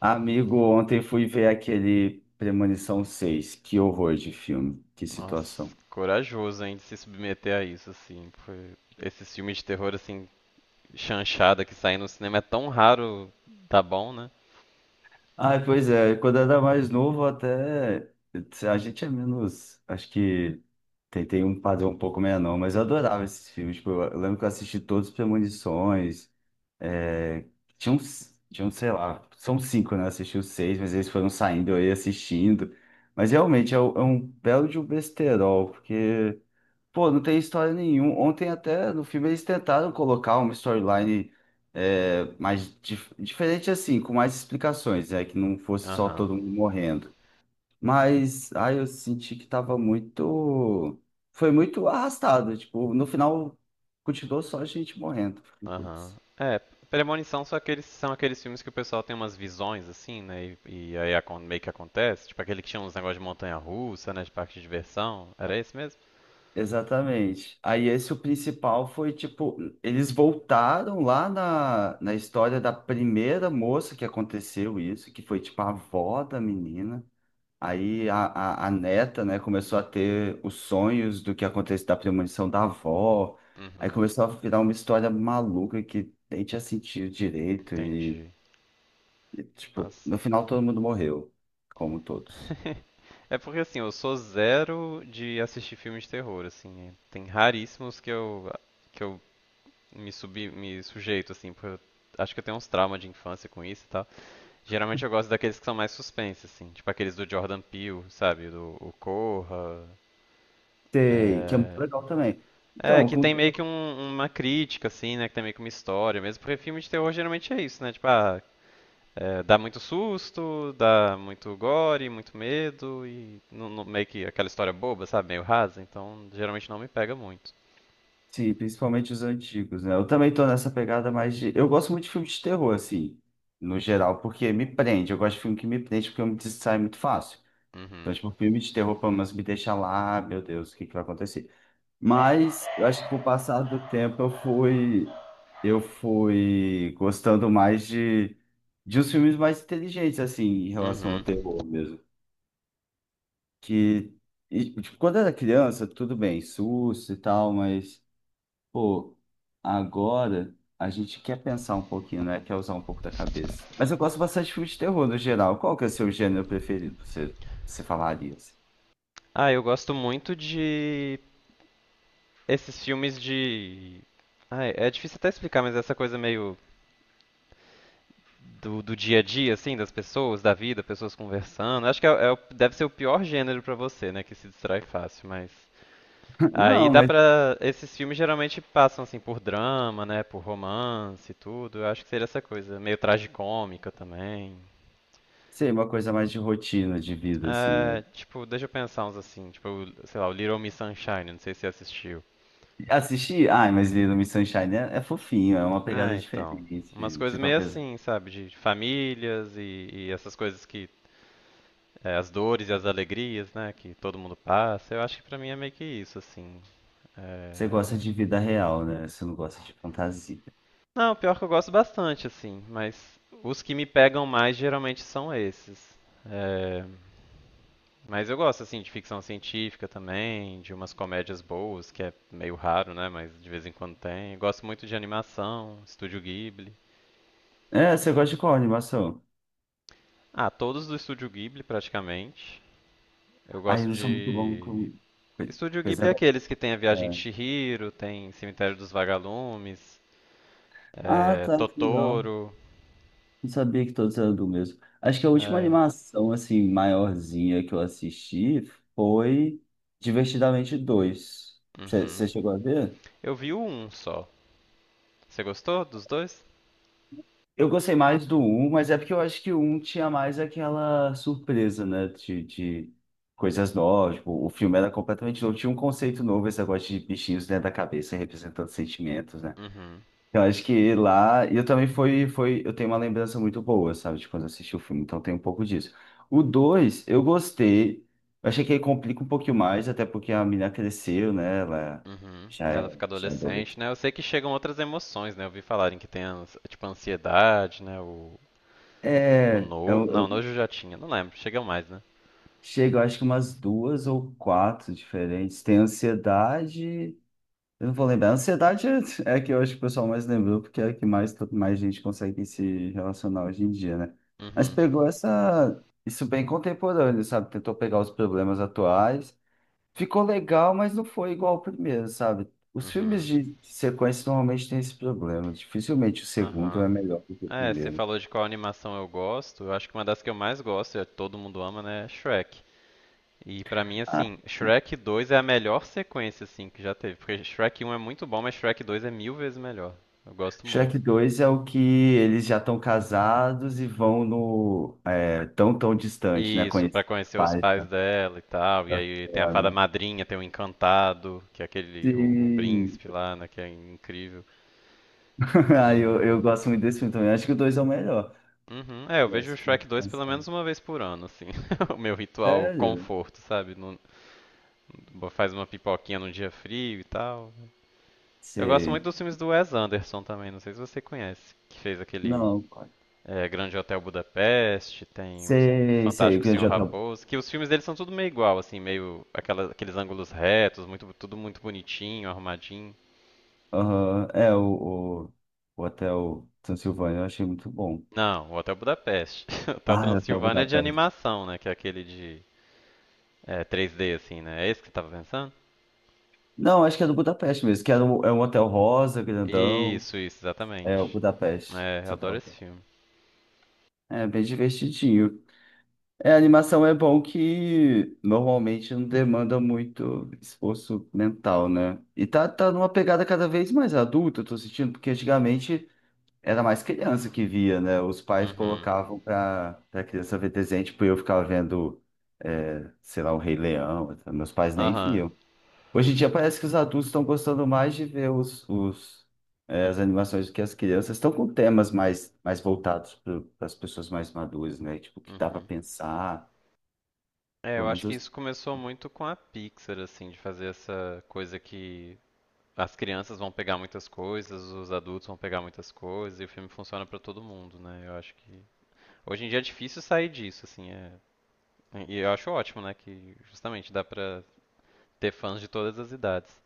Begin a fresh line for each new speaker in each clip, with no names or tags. Amigo, ontem fui ver aquele Premonição seis. Que horror de filme, que
Nossa,
situação.
corajoso, hein, de se submeter a isso, assim. Esses filmes de terror, assim, chanchada que saem no cinema é tão raro, tá bom, né?
Ah, pois é, quando era mais novo, até a gente é menos. Acho que tem um padrão um pouco menor, não, mas eu adorava esses filmes. Tipo, eu lembro que eu assisti todos os Premonições. É, tinha uns, sei lá, são cinco, né? Eu assisti os seis, mas eles foram saindo, eu ia assistindo. Mas realmente é, é um belo de um besterol, porque. Pô, não tem história nenhuma. Ontem até no filme eles tentaram colocar uma storyline mais diferente assim, com mais explicações, é que não fosse só
Aham,
todo mundo morrendo. Mas aí eu senti que tava muito, foi muito arrastado. Tipo, no final continuou só a gente morrendo. Fiquei,
aham.
putz.
É, Premonição são aqueles filmes que o pessoal tem umas visões, assim, né? E aí meio que acontece. Tipo aquele que tinha uns negócios de montanha-russa, né? De parque de diversão. Era esse mesmo?
Exatamente. Aí esse o principal foi tipo, eles voltaram lá na história da primeira moça que aconteceu isso, que foi tipo a avó da menina. Aí a neta, né, começou a ter os sonhos do que acontece da premonição da avó. Aí
Uhum,
começou a virar uma história maluca que nem tinha sentido direito
entendi.
e, tipo,
Nossa.
no final todo mundo morreu, como todos.
É porque assim, eu sou zero de assistir filmes de terror, assim. Tem raríssimos que eu me subi, me sujeito, assim, porque eu acho que eu tenho uns traumas de infância com isso e tal. Geralmente eu gosto daqueles que são mais suspense, assim, tipo aqueles do Jordan Peele, sabe? Do o Corra.
Sei, que é muito
É...
legal também. Então,
que
com,
tem meio que uma crítica, assim, né? Que tem meio que uma história mesmo, porque filme de terror geralmente é isso, né? Tipo, ah, dá muito susto, dá muito gore, muito medo e meio que aquela história boba, sabe? Meio rasa, então geralmente não me pega muito.
sim, principalmente os antigos, né? Eu também tô nessa pegada mais de... Eu gosto muito de filme de terror, assim, no geral, porque me prende. Eu gosto de filme que me prende porque eu me distraio muito fácil. Então,
Uhum.
tipo, filme de terror, pelo menos, me deixa lá, "Ah, meu Deus, o que que vai acontecer? Mas eu acho que com o passar do tempo eu fui gostando mais de uns filmes mais inteligentes assim em relação ao
Uhum.
terror mesmo. Que e, tipo, quando eu era criança, tudo bem, susto e tal, mas pô, agora a gente quer pensar um pouquinho, né? Quer usar um pouco da cabeça. Mas eu gosto bastante de filmes de terror no geral. Qual que é o seu gênero preferido? Você falaria assim?
Ah, eu gosto muito de esses filmes de. Ah, é difícil até explicar, mas essa coisa meio do dia a dia, assim, das pessoas, da vida, pessoas conversando. Acho que é deve ser o pior gênero pra você, né, que se distrai fácil, mas. Aí
Não,
dá
mas
pra. Esses filmes geralmente passam, assim, por drama, né, por romance e tudo. Eu acho que seria essa coisa, meio tragicômica também.
sei, uma coisa mais de rotina de vida assim, né?
É, tipo, deixa eu pensar uns assim, tipo, sei lá, o Little Miss Sunshine, não sei se você assistiu.
Assisti, ai, mas Little Miss Sunshine é, é fofinho, é uma pegada
É, então. Umas
diferente.
coisas
Tipo,
meio
apesar.
assim, sabe? De famílias e essas coisas que. As dores e as alegrias, né? Que todo mundo passa. Eu acho que pra mim é meio que isso, assim.
Você
É...
gosta de vida real, né? Você não gosta de fantasia.
Não, pior que eu gosto bastante, assim. Mas os que me pegam mais geralmente são esses. É... Mas eu gosto, assim, de ficção científica também, de umas comédias boas, que é meio raro, né? Mas de vez em quando tem. Gosto muito de animação, Estúdio Ghibli.
É, você gosta de qual animação?
Ah, todos do Estúdio Ghibli, praticamente. Eu
Ai, eu
gosto
não sou muito bom
de.
com coi-
Estúdio
coisa.
Ghibli é aqueles que tem a Viagem de
É.
Chihiro, tem Cemitério dos Vagalumes,
Ah, tá, que legal.
Totoro.
Não sabia que todos eram do mesmo. Acho que a última
é,
animação, assim, maiorzinha que eu assisti foi Divertidamente dois,
uhum.
você chegou a ver?
Eu vi um só. Você gostou dos dois?
Eu gostei mais do um, mas é porque eu acho que o um tinha mais aquela surpresa, né? De coisas novas. Tipo, o filme era completamente novo, tinha um conceito novo, esse negócio de bichinhos dentro da cabeça representando sentimentos, né?
Uhum.
Eu acho que lá. E eu também foi, foi. Eu tenho uma lembrança muito boa, sabe? De quando eu assisti o filme, então tem um pouco disso. O 2 eu gostei. Eu achei que ele complica um pouquinho mais, até porque a menina cresceu, né? Ela
Uhum. Ela fica
já é adulta.
adolescente, né? Eu sei que chegam outras emoções, né? Eu vi falarem que tem, tipo, ansiedade, né? O
É,
no... Não,
eu,
nojo já tinha, não lembro. Chegam mais, né?
chega, eu acho que umas duas ou quatro diferentes. Tem ansiedade. Eu não vou lembrar. Ansiedade é é a que eu acho que o pessoal mais lembrou, porque é a que mais, mais gente consegue se relacionar hoje em dia, né? Mas
Uhum.
pegou essa, isso bem contemporâneo, sabe? Tentou pegar os problemas atuais. Ficou legal, mas não foi igual ao primeiro, sabe? Os filmes
Uhum.
de sequência normalmente têm esse problema. Dificilmente o segundo
Aham.
é melhor do que o
É, você
primeiro.
falou de qual animação eu gosto. Eu acho que uma das que eu mais gosto, e todo mundo ama, né, é Shrek. E pra mim, assim, Shrek 2 é a melhor sequência, assim, que já teve. Porque Shrek 1 é muito bom, mas Shrek 2 é mil vezes melhor. Eu gosto muito.
Shrek 2 é o que eles já estão casados e vão no tão tão distante, né?
Isso,
Conhecer
pra
os
conhecer os
pais
pais
da,
dela e tal. E
da
aí tem a fada
Fiona.
madrinha, tem o encantado, que é aquele, o
Sim.
príncipe lá, né, que é incrível.
Ah, eu
É...
gosto muito desse filme também. Acho que o 2 é o melhor.
Uhum. É, eu
Eu
vejo o
acho que eu
Shrek
tô
2 pelo menos
pensando.
uma vez por ano, assim. O meu ritual
Sério?
conforto, sabe? Não, faz uma pipoquinha num dia frio e tal. Eu gosto muito
Sei.
dos filmes do Wes Anderson também, não sei se você conhece. Que fez aquele
Não, qual-
Grande Hotel Budapeste, tem o
sei, sei. O
Fantástico
que
Senhor
já tá...
Raposo, que os filmes dele são tudo meio igual, assim, meio aqueles ângulos retos, muito, tudo muito bonitinho, arrumadinho.
Aham, é o Hotel Transilvânia, eu achei muito bom.
Não, o Hotel Budapeste. O Hotel
Ah, é o Hotel
Transilvânia é de
Budapeste.
animação, né? Que é aquele de 3D, assim, né? É esse que você tava pensando?
Não, acho que é do Budapeste mesmo, que era um, é um hotel rosa, grandão.
Isso,
É o
exatamente.
Budapeste.
É, eu
Só
adoro
tava.
esse filme.
É bem divertidinho. É, a animação é bom que normalmente não demanda muito esforço mental, né? E tá numa pegada cada vez mais adulta, eu tô sentindo, porque antigamente era mais criança que via, né? Os pais
Uhum.
colocavam pra criança ver desenho, tipo, eu ficava vendo, é, sei lá, o Rei Leão, meus pais nem
Aham.
viam. Hoje em dia parece que os adultos estão gostando mais de ver as animações do que as crianças. Estão com temas mais voltados para as pessoas mais maduras, né? Tipo, que dá para
Uhum.
pensar.
É,
Pelo
eu
menos
acho
eu-
que isso começou muito com a Pixar, assim, de fazer essa coisa que as crianças vão pegar muitas coisas, os adultos vão pegar muitas coisas, e o filme funciona pra todo mundo, né? Eu acho que hoje em dia é difícil sair disso, assim, e eu acho ótimo, né, que justamente dá pra ter fãs de todas as idades.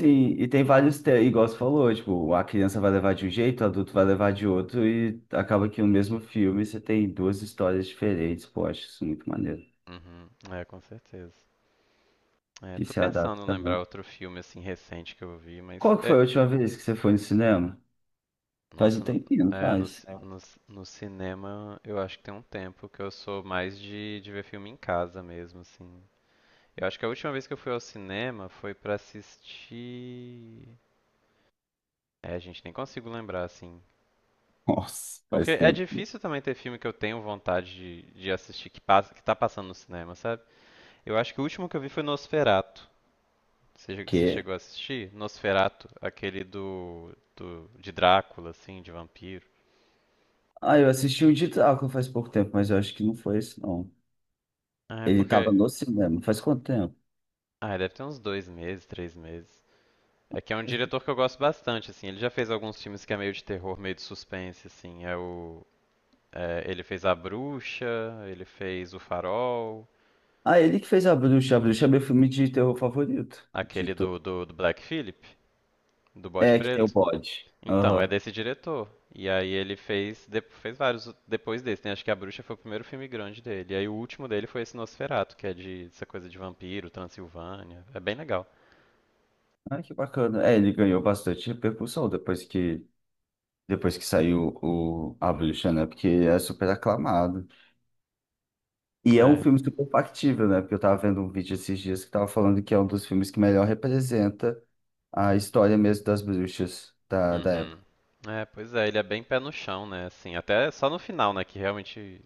sim, e tem vários temas, igual você falou, tipo, a criança vai levar de um jeito, o adulto vai levar de outro, e acaba que no mesmo filme você tem duas histórias diferentes. Pô, acho isso muito maneiro.
Uhum, com certeza. É,
Que
tô
se
pensando em
adapta
lembrar
mesmo.
outro filme assim recente que eu vi, mas
Qual que foi a última vez que você foi no cinema? Faz um
Nossa, no,
tempinho, não
é, no,
faz?
ci-
É.
no, ci- no cinema eu acho que tem um tempo que eu sou mais de ver filme em casa mesmo, assim. Eu acho que a última vez que eu fui ao cinema foi pra assistir. É, gente, nem consigo lembrar, assim.
Nossa,
Porque
faz
é
tempo.
difícil também ter filme que eu tenho vontade de assistir que passa, que tá passando no cinema, sabe? Eu acho que o último que eu vi foi Nosferatu. Você, você
Que?
chegou a assistir? Nosferatu aquele de Drácula, assim, de vampiro.
Ah, eu assisti um de Drácula faz pouco tempo, mas eu acho que não foi esse, não.
É,
Ele tava
porque.
no cinema. Faz quanto tempo?
Ah, deve ter uns 2 meses, 3 meses. É que é um
Faz pouco.
diretor que eu gosto bastante, assim. Ele já fez alguns filmes que é meio de terror, meio de suspense, assim. É o. Ele fez A Bruxa, ele fez O Farol,
Ah, ele que fez A Bruxa. A Bruxa é meu filme de terror favorito. De
aquele do,
to-
do, do Black Phillip, do Bode
é, que tem o
Preto.
bode.
Então, é
Aham.
desse diretor. E aí ele fez vários depois desse, né? Acho que A Bruxa foi o primeiro filme grande dele. E aí o último dele foi esse Nosferatu, que é de essa coisa de vampiro, Transilvânia. É bem legal.
Ah, que bacana. É, ele ganhou bastante repercussão depois que saiu o A Bruxa, né? Porque é super aclamado. E é um
É,
filme super factível, né? Porque eu tava vendo um vídeo esses dias que tava falando que é um dos filmes que melhor representa a história mesmo das bruxas da
Uhum.
época.
É, pois é, ele é bem pé no chão, né? Assim, até só no final, né, que realmente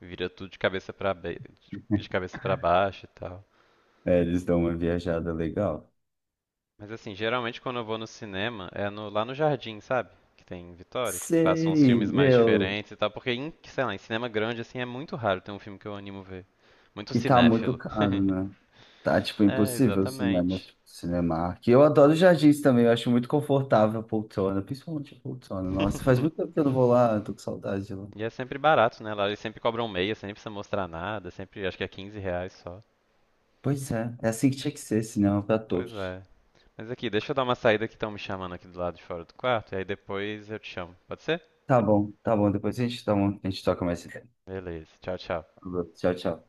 vira tudo de cabeça para baixo e tal.
É, eles dão uma viajada legal.
Mas assim, geralmente quando eu vou no cinema é no lá no Jardim, sabe? Que tem em Vitória, que passam uns
Sei,
filmes mais
meu.
diferentes e tal, porque em, sei lá, em cinema grande assim é muito raro ter um filme que eu animo ver. Muito
E tá muito
cinéfilo.
caro, né? Tá, tipo,
É,
impossível o cinema,
exatamente.
tipo, Cinemark. E eu adoro jardins também, eu acho muito confortável a poltrona, principalmente a poltrona. Nossa, faz muito tempo que eu não vou lá, eu tô com saudade de lá.
E é sempre barato, né? Lá eles sempre cobram meia, sem precisa mostrar nada, sempre acho que é 15 reais só.
Pois é, é assim que tinha que ser, cinema pra
Pois
todos.
é. Mas aqui, deixa eu dar uma saída que estão me chamando aqui do lado de fora do quarto, e aí depois eu te chamo. Pode ser?
Tá bom, depois a gente, dá uma, a gente toca mais esse tema.
Beleza. Tchau, tchau.
Tchau, tchau.